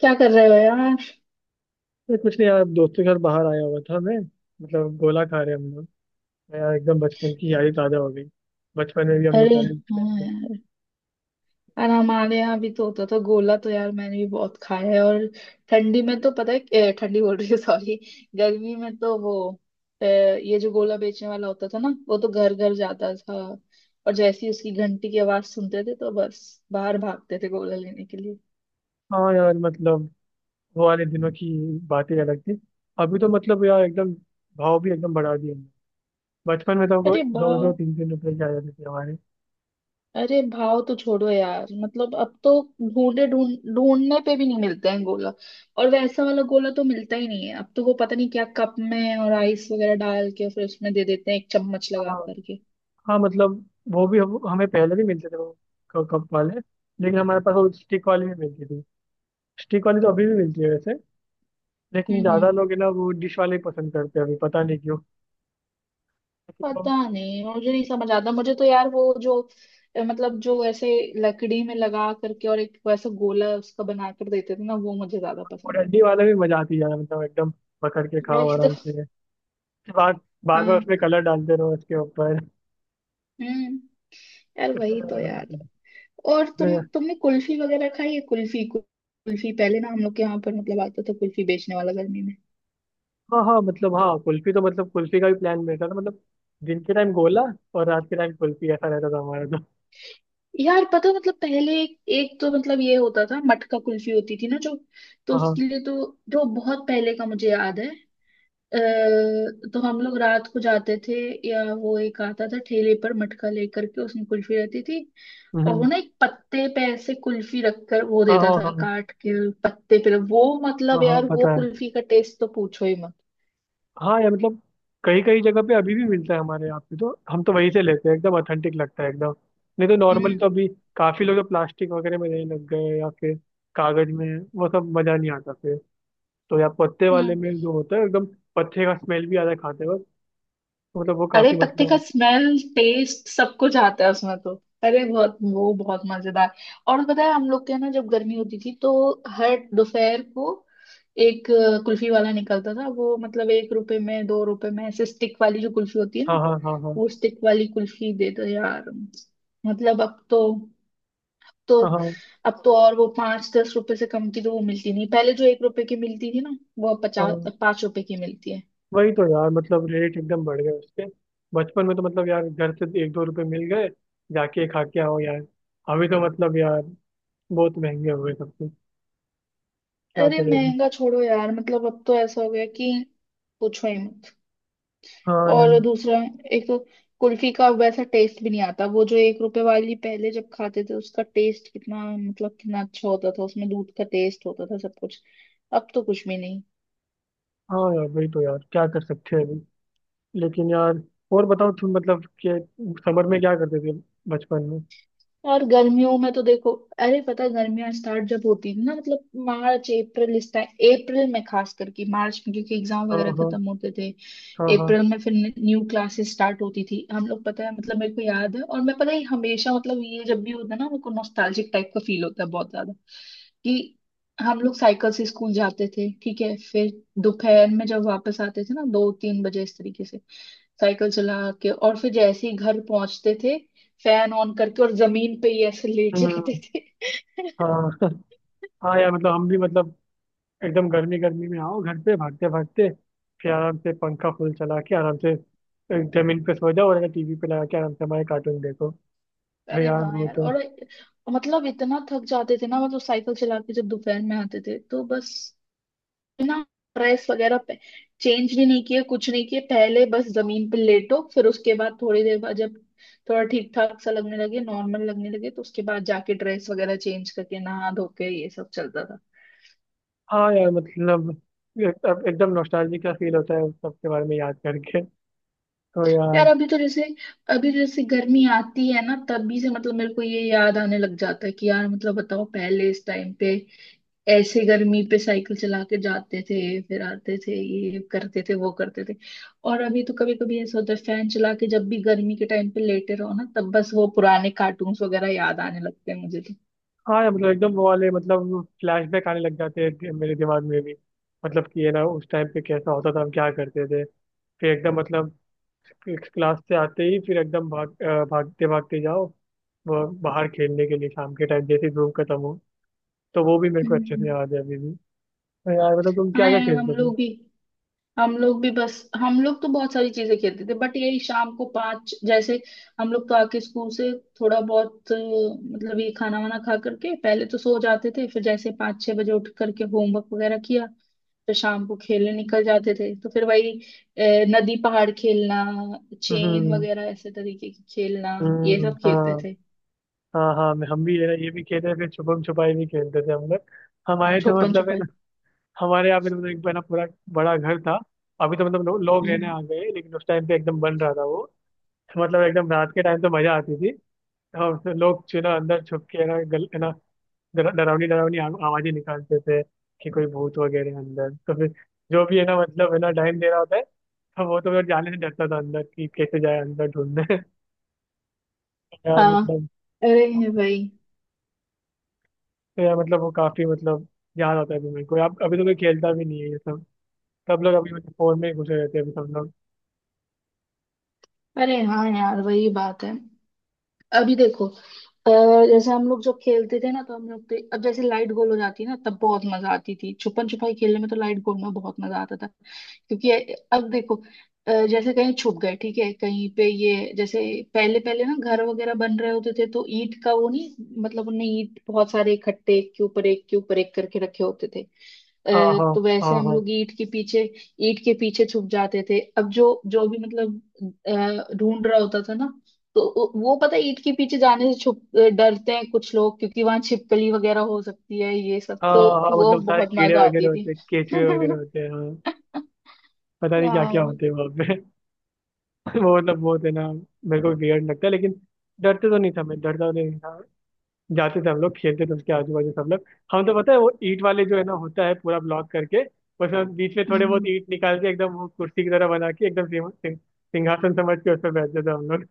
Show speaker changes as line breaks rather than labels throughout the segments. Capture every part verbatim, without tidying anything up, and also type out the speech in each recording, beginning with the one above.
क्या कर रहे हो यार?
ये कुछ नहीं यार, दोस्तों के साथ बाहर आया हुआ था मैं। मतलब गोला खा रहे हम लोग। तो यार एकदम बचपन की यादें ताजा हो गई। बचपन में भी हम लोग
अरे
सारे
हाँ
friends-
यार। और हमारे यहाँ भी तो होता था गोला। तो यार मैंने भी बहुत खाया है। और ठंडी में तो पता है ए, ठंडी बोल रही हूँ सॉरी। गर्मी में तो वो ए, ये जो गोला बेचने वाला होता था ना वो तो घर घर जाता था। और जैसे ही उसकी घंटी की आवाज सुनते थे तो बस बाहर भागते थे गोला लेने के लिए।
हाँ यार, मतलब वो वाले दिनों की बातें अलग थी। अभी तो मतलब यार एकदम भाव भी एकदम बढ़ा दिए हमने। बचपन में तो हमको
अरे
दो
वाह।
दो तीन तीन रुपए के आ जाते थे हमारे।
अरे भाव तो छोड़ो यार। मतलब अब तो ढूंढे ढूंढ ढूंढने पे भी नहीं मिलते हैं गोला। और वैसा वाला गोला तो मिलता ही नहीं है अब तो। वो पता नहीं क्या कप में और आइस वगैरह डाल के फिर उसमें दे देते हैं एक चम्मच लगा
हाँ
करके।
हाँ, मतलब वो भी हम, हमें पहले भी मिलते थे वो क- कप वाले। लेकिन हमारे पास वो स्टिक वाली भी मिलती थी। स्टिक वाली तो अभी भी मिलती है वैसे। लेकिन
हम्म हम्म
ज्यादा लोग है ना वो डिश वाले ही पसंद करते हैं अभी। पता नहीं क्यों।
पता नहीं, मुझे नहीं समझ आता। मुझे तो यार वो जो अ, मतलब जो ऐसे लकड़ी में लगा करके और एक वैसा गोला उसका बना कर देते थे ना वो मुझे ज्यादा
और
पसंद
हल्दी वाला भी मजा आती है यार, मतलब एकदम पकड़ के
है।
खाओ
वही तो।
आराम से। बार बार बार उसमें
हाँ।
कलर डालते रहो उसके ऊपर।
हम्म। यार
उसमें
वही तो
ज्यादा मजा
यार।
आती है।
और तुम
उसमें-
तुमने कुल्फी वगैरह खाई है? कुल्फी। कुल्फी पहले ना हम लोग के यहाँ पर मतलब आता था कुल्फी बेचने वाला गर्मी में।
हाँ हाँ, मतलब हाँ कुल्फी तो, मतलब कुल्फी का भी प्लान रहता था मतलब। दिन के टाइम गोला और रात के टाइम कुल्फी, ऐसा रहता था हमारा तो।
यार पता है, मतलब पहले एक, एक तो मतलब ये होता था मटका कुल्फी होती थी ना जो, तो
हाँ हाँ,
उसके लिए तो जो बहुत पहले का मुझे याद है अ, तो हम लोग रात को जाते थे, या वो एक आता था ठेले पर मटका लेकर के उसमें कुल्फी रहती थी। और वो
हम्म,
ना एक पत्ते पे ऐसे कुल्फी रखकर वो
हाँ
देता
हाँ
था
हाँ
काट के पत्ते पे। वो
हाँ,
मतलब
हाँ
यार वो
पता है।
कुल्फी का टेस्ट तो पूछो ही मत।
हाँ यार, मतलब कई कई जगह पे अभी भी मिलता है हमारे यहाँ पे, तो हम तो वहीं से लेते हैं, एकदम ऑथेंटिक लगता है एकदम। नहीं तो नॉर्मल
हम्म
तो अभी काफी लोग तो प्लास्टिक वगैरह में रहने लग गए या फिर कागज में। वो सब मजा नहीं आता फिर। तो यार पत्ते वाले
हम्म।
में जो होता है एकदम, पत्ते का स्मेल भी आता है खाते वक्त। तो मतलब वो
अरे
काफी
पत्ते का
मतलब,
स्मेल टेस्ट सब कुछ आता है उसमें तो। अरे बहुत वो बहुत मजेदार। और पता है हम लोग के ना जब गर्मी होती थी तो हर दोपहर को एक अ, कुल्फी वाला निकलता था। वो मतलब एक रुपए में दो रुपए में ऐसे स्टिक वाली जो कुल्फी होती है
हाँ
ना,
हाँ हाँ हाँ
वो स्टिक वाली कुल्फी दे दो यार। मतलब अब तो तो
हाँ हाँ
अब तो और वो पांच दस रुपए से कम की तो वो मिलती नहीं। पहले जो एक रुपए की मिलती थी ना वो अब पचास,
हाँ।
पांच रुपए की मिलती है।
वही तो यार, मतलब रेट एकदम बढ़ गए उसके। बचपन में तो मतलब यार घर से एक दो रुपए मिल गए, जाके खा के आओ यार। अभी तो मतलब यार बहुत महंगे हो गए सब कुछ। क्या
अरे
करें अभी।
महंगा छोड़ो यार। मतलब अब तो ऐसा हो गया कि पूछो ही मत।
हाँ यार।
और दूसरा, एक तो कुल्फी का वैसा टेस्ट भी नहीं आता। वो जो एक रुपए वाली पहले जब खाते थे उसका टेस्ट कितना मतलब कितना अच्छा होता था। उसमें दूध का टेस्ट होता था सब कुछ। अब तो कुछ भी नहीं।
हाँ यार वही तो यार, क्या कर सकते हैं अभी। लेकिन यार, और बताओ तुम, मतलब कि समर में क्या करते थे बचपन में।
और गर्मियों में तो देखो, अरे पता है गर्मियां स्टार्ट जब होती है ना मतलब मार्च अप्रैल इस टाइम, अप्रैल में खास करके मार्च में क्योंकि एग्जाम
हाँ
वगैरह
हाँ
खत्म होते थे।
हाँ हाँ,
अप्रैल में फिर न्यू क्लासेस स्टार्ट होती थी। हम लोग पता है मतलब मेरे को याद है और मैं पता है हमेशा मतलब ये जब भी होता है ना मेरे को नॉस्टैल्जिक टाइप का फील होता है बहुत ज्यादा कि हम लोग साइकिल से स्कूल जाते थे ठीक है, फिर दोपहर में जब वापस आते थे ना दो तीन बजे इस तरीके से साइकिल चला के और फिर जैसे ही घर पहुंचते थे फैन ऑन करके और जमीन पे ही ऐसे लेट
हम्म,
जाते थे।
हाँ हाँ यार, मतलब हम भी मतलब एकदम गर्मी गर्मी में आओ घर पे भागते भागते, फिर आराम से पंखा फुल चला के आराम से जमीन पे सो जाओ, और टीवी पे लगा के आराम से हमारे कार्टून देखो। तो
अरे
यार
हाँ
वो
यार।
तो,
और मतलब इतना थक जाते थे ना मतलब साइकिल चला के जब दोपहर में आते थे तो बस ना, ड्रेस वगैरह पे चेंज भी नहीं किए कुछ नहीं किए, पहले बस जमीन पे लेटो फिर उसके बाद थोड़ी देर बाद जब थोड़ा ठीक ठाक सा लगने लगे, नॉर्मल लगने लगे तो उसके बाद जाके ड्रेस वगैरह चेंज करके नहा धो के ये सब चलता था।
हाँ यार मतलब एक- अब एकदम नॉस्टैल्जिक का फील होता है उस सब के बारे में याद करके। तो यार
यार अभी तो जैसे अभी तो जैसे गर्मी आती है ना तभी से मतलब मेरे को ये याद आने लग जाता है कि यार मतलब बताओ पहले इस टाइम पे ऐसे गर्मी पे साइकिल चला के जाते थे, फिर आते थे ये करते थे वो करते थे। और अभी तो कभी कभी ऐसा होता है फैन चला के जब भी गर्मी के टाइम पे लेटे रहो ना तब बस वो पुराने कार्टून्स वगैरह याद आने लगते हैं मुझे तो।
हाँ यार, मतलब एकदम वो वाले मतलब फ्लैशबैक आने लग जाते हैं दि- मेरे दिमाग में भी। मतलब कि ये ना उस टाइम पे कैसा होता था, हम क्या करते थे। फिर एकदम मतलब क्लास से आते ही फिर एकदम भाग अ, भागते भागते जाओ वो बाहर खेलने के लिए शाम के टाइम जैसे धूप खत्म हो। तो वो भी मेरे को अच्छे
हम्म।
से याद है अभी भी। तो यार, मतलब तुम क्या
हाँ
क्या
यार
खेलते
हम
थे।
लोग भी हम लोग भी बस। हम लोग तो बहुत सारी चीजें खेलते थे बट यही शाम को पाँच जैसे हम लोग तो आके स्कूल से थोड़ा बहुत अ, मतलब ये खाना वाना खा करके पहले तो सो जाते थे, फिर जैसे पाँच छह बजे उठ करके होमवर्क वगैरह किया, फिर शाम को खेलने निकल जाते थे तो फिर वही अ, नदी पहाड़ खेलना, चेन
हम्म
वगैरह ऐसे तरीके की खेलना। ये
हम्म,
सब खेलते
हाँ
थे।
हाँ हाँ मैं- हम भी ये ना ये भी खेले, फिर छुपम छुपाई भी खेलते थे हम लोग। हमारे तो
छुपन
मतलब है ना,
छुपाई।
हमारे यहाँ पे तो मतलब एक बना पूरा बड़ा घर था। अभी तो मतलब लो, लोग रहने
हम्म।
आ गए, लेकिन उस टाइम पे एकदम बन रहा था वो। मतलब एकदम रात के टाइम तो मजा आती थी। और फिर लोग चुना अंदर छुप के है ना गल, है ना डरा- डरावनी डरावनी आव- आवाजें निकालते थे कि कोई भूत वगैरह है अंदर। तो फिर जो भी है ना मतलब है ना टाइम दे रहा होता है, तो वो तो फिर जाने से डरता था अंदर, कि कैसे जाए अंदर ढूंढने यार
हाँ।
मतलब,
अरे भाई।
तो यार मतलब वो काफी मतलब याद आता है अभी मेरे को। अब अभी तो कोई खेलता भी नहीं है ये सब। सब लोग अभी मतलब फोन में ही घुसे रहते हैं अभी सब लोग।
अरे हाँ यार वही बात है। अभी देखो, अह, जैसे हम लोग जब खेलते थे ना तो हम लोग तो अब जैसे लाइट गोल हो जाती है ना तब बहुत मजा आती थी छुपन छुपाई खेलने में, तो लाइट गोल में बहुत मजा आता था क्योंकि अब देखो अह, जैसे कहीं छुप गए ठीक है कहीं पे ये जैसे पहले पहले ना घर वगैरह बन रहे होते थे तो ईंट का वो नहीं, मतलब उनने ईंट बहुत सारे इकट्ठे एक के ऊपर एक के ऊपर एक करके रखे होते थे।
हाँ
अह,
हाँ
तो
हाँ
वैसे हम
हाँ,
लोग ईंट के पीछे ईंट के पीछे छुप जाते थे। अब जो जो भी मतलब अ, ढूंढ रहा होता था ना तो वो वो पता है ईंट के पीछे जाने से छुप अ, डरते हैं कुछ लोग क्योंकि वहां छिपकली वगैरह हो सकती है ये सब
हाँ
तो।
हाँ
वो
मतलब सारे
बहुत
कीड़े
मजा
वगैरह
आती
होते
थी।
हैं, केचुए वगैरह होते हैं, हाँ। पता नहीं क्या क्या
यार।
होते हैं वहाँ पे वो मतलब बहुत है ना, मेरे को वियर्ड लगता है। लेकिन डरते तो नहीं था, मैं डरता तो नहीं था। जाते थे, हम लोग खेलते थे उसके आजू बाजू सब लोग। हम तो पता है वो ईंट वाले जो है ना होता है पूरा ब्लॉक करके, उसमें हम बीच में थोड़े बहुत
हम्म।
ईंट निकाल के एकदम वो कुर्सी की तरह बना के एकदम सिंह- सिंह- सिंहासन समझ के उसमें बैठते थे हम लोग।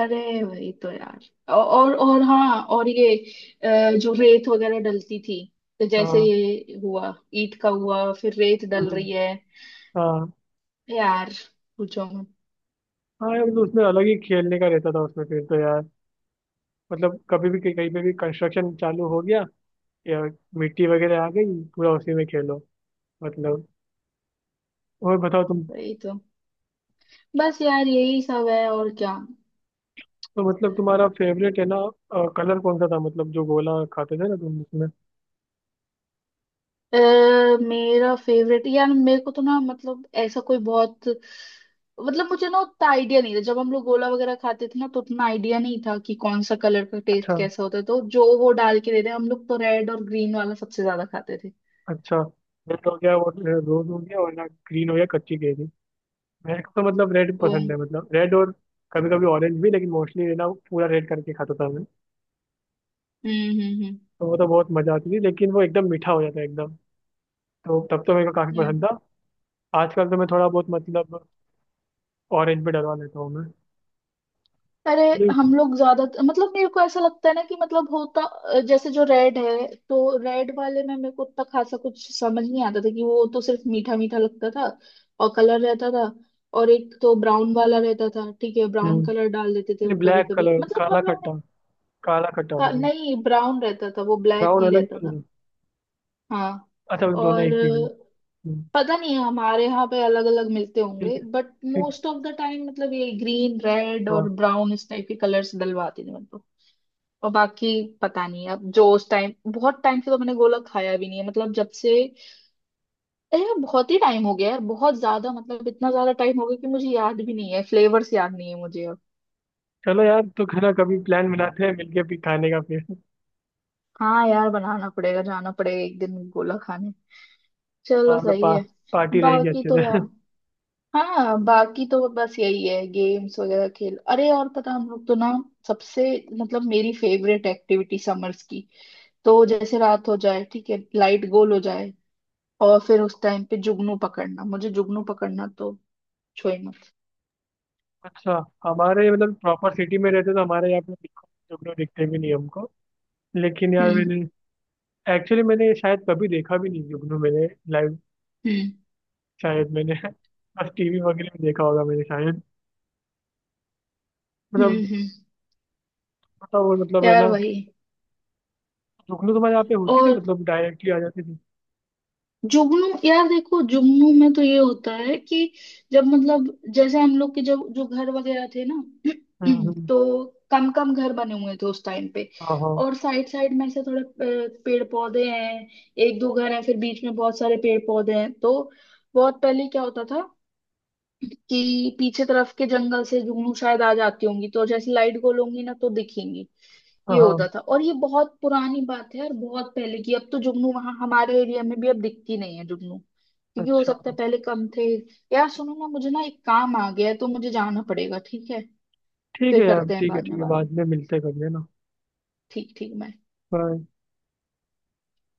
अरे वही तो यार। औ- और और हाँ, और ये अ, जो रेत वगैरह डलती थी तो जैसे
हाँ,
ये हुआ ईंट का हुआ फिर रेत डल
हम्म,
रही है।
हाँ
यार पूछो मत।
हाँ यार, मतलब उसमें अलग ही खेलने का रहता था उसमें फिर। तो यार मतलब कभी भी कहीं पे भी कंस्ट्रक्शन चालू हो गया या मिट्टी वगैरह आ गई, पूरा उसी में खेलो मतलब। और बताओ तुम।
वही तो। बस यार यही सब है और क्या।
तो मतलब तुम्हारा फेवरेट है ना कलर कौन सा था, मतलब जो गोला खाते थे ना तुम उसमें।
अ, मेरा फेवरेट, यार मेरे को तो ना मतलब ऐसा कोई बहुत मतलब मुझे ना उतना आइडिया नहीं था। जब हम लोग गोला वगैरह खाते थे ना तो उतना आइडिया नहीं था कि कौन सा कलर का टेस्ट
अच्छा।
कैसा होता है, तो जो वो डाल के देते हैं हम लोग तो रेड और ग्रीन वाला सबसे ज्यादा खाते थे।
अच्छा, रेड हो गया और रोज हो गया और ना ग्रीन हो गया कच्ची केरी। मेरे को तो मतलब रेड
ओ
पसंद
हम्म।
है, मतलब रेड और कभी कभी ऑरेंज भी, लेकिन मोस्टली ना पूरा रेड करके खाता था मैं।
हम्म हम्म।
तो वो तो बहुत मजा आती थी। लेकिन वो एकदम मीठा हो जाता है एकदम, तो तब तो मेरे को काफी
yeah।
पसंद था। आजकल तो मैं थोड़ा बहुत मतलब ऑरेंज भी डलवा लेता हूँ मैं।
अरे
ये-
हम लोग ज्यादा मतलब मेरे को ऐसा लगता है ना कि मतलब होता जैसे जो रेड है तो रेड वाले में मेरे को उतना खासा कुछ समझ नहीं आता था कि वो तो सिर्फ मीठा मीठा लगता था, और कलर रहता था। और एक तो ब्राउन वाला रहता था ठीक है, ब्राउन कलर
हम्म,
डाल देते थे वो कभी
ब्लैक
कभी
कलर
मतलब
काला
हम लोग ने।
खट्टा। काला खट्टा,
का-
ऑरेंज।
नहीं, ब्राउन रहता था वो, ब्लैक
ब्राउन
नहीं
अलग
रहता था।
तो-
हाँ।
अच्छा, मतलब दोनों
और
एक ही हुई। हम्म,
पता नहीं हमारे यहाँ पे अलग अलग मिलते
ठीक
होंगे
है।
बट
ठीक है,
मोस्ट ऑफ द टाइम मतलब ये ग्रीन रेड
हाँ।
और ब्राउन इस टाइप के कलर्स डलवाते थे मतलब। और बाकी, पता नहीं, अब जो उस टाइम, बहुत टाइम से तो मैंने गोला खाया भी नहीं है मतलब जब से। अरे यार बहुत ही टाइम हो गया यार बहुत ज्यादा, मतलब इतना ज्यादा टाइम हो गया कि मुझे याद भी नहीं है, फ्लेवर्स याद नहीं है मुझे अब।
चलो यार, तो खाना कभी प्लान बनाते हैं मिलके भी खाने का फिर।
हाँ यार बनाना पड़ेगा, जाना पड़ेगा एक दिन गोला खाने। चलो
हाँ मतलब
सही
पा,
है।
पार्टी रहेगी
बाकी
अच्छे
तो यार,
से
हाँ बाकी तो बस यही है, गेम्स वगैरह खेल। अरे और पता, हम लोग तो ना सबसे मतलब मेरी फेवरेट एक्टिविटी समर्स की, तो जैसे रात हो जाए ठीक है लाइट गोल हो जाए और फिर उस टाइम पे जुगनू पकड़ना। मुझे जुगनू पकड़ना तो छो ही मत।
अच्छा, हमारे मतलब प्रॉपर सिटी में रहते तो हमारे यहाँ पे बिल्कुल जुगनू दिखते भी नहीं हमको। लेकिन यार
हम्म
मैंने एक्चुअली, मैंने शायद कभी देखा भी नहीं जुगनू मैंने, लाइव।
हम्म
शायद मैंने बस टीवी वगैरह में देखा होगा मैंने शायद। मतलब
हम्म हम्म।
पता, वो मतलब है
यार
ना
वही।
जुगनू तुम्हारे यहाँ पे होती थी,
और
मतलब डायरेक्टली आ जाती थी।
जुगनू, यार देखो जुगनू में तो ये होता है कि जब मतलब जैसे हम लोग के जब जो घर वगैरह थे ना
हम्म हम्म,
तो कम कम घर बने हुए थे उस टाइम पे
हाँ हाँ
और साइड साइड में ऐसे थोड़े अ, पेड़ पौधे हैं, एक दो घर हैं फिर बीच में बहुत सारे पेड़ पौधे हैं तो बहुत पहले क्या होता था कि पीछे तरफ के जंगल से जुगनू शायद आ जाती होंगी तो जैसे लाइट गोलूंगी ना तो दिखेंगी।
हाँ
ये
हाँ।
होता था और ये बहुत पुरानी बात है और बहुत पहले की। अब तो जुगनू वहां हमारे एरिया में भी अब दिखती नहीं है जुगनू, क्योंकि हो
अच्छा
सकता है पहले कम थे। यार सुनो ना, मुझे ना एक काम आ गया है तो मुझे जाना पड़ेगा ठीक है।
ठीक है
फिर
यार,
करते हैं
ठीक है
बाद
ठीक
में
है,
बात।
बाद में मिलते हैं कभी, है ना।
ठीक ठीक मैं।
Bye.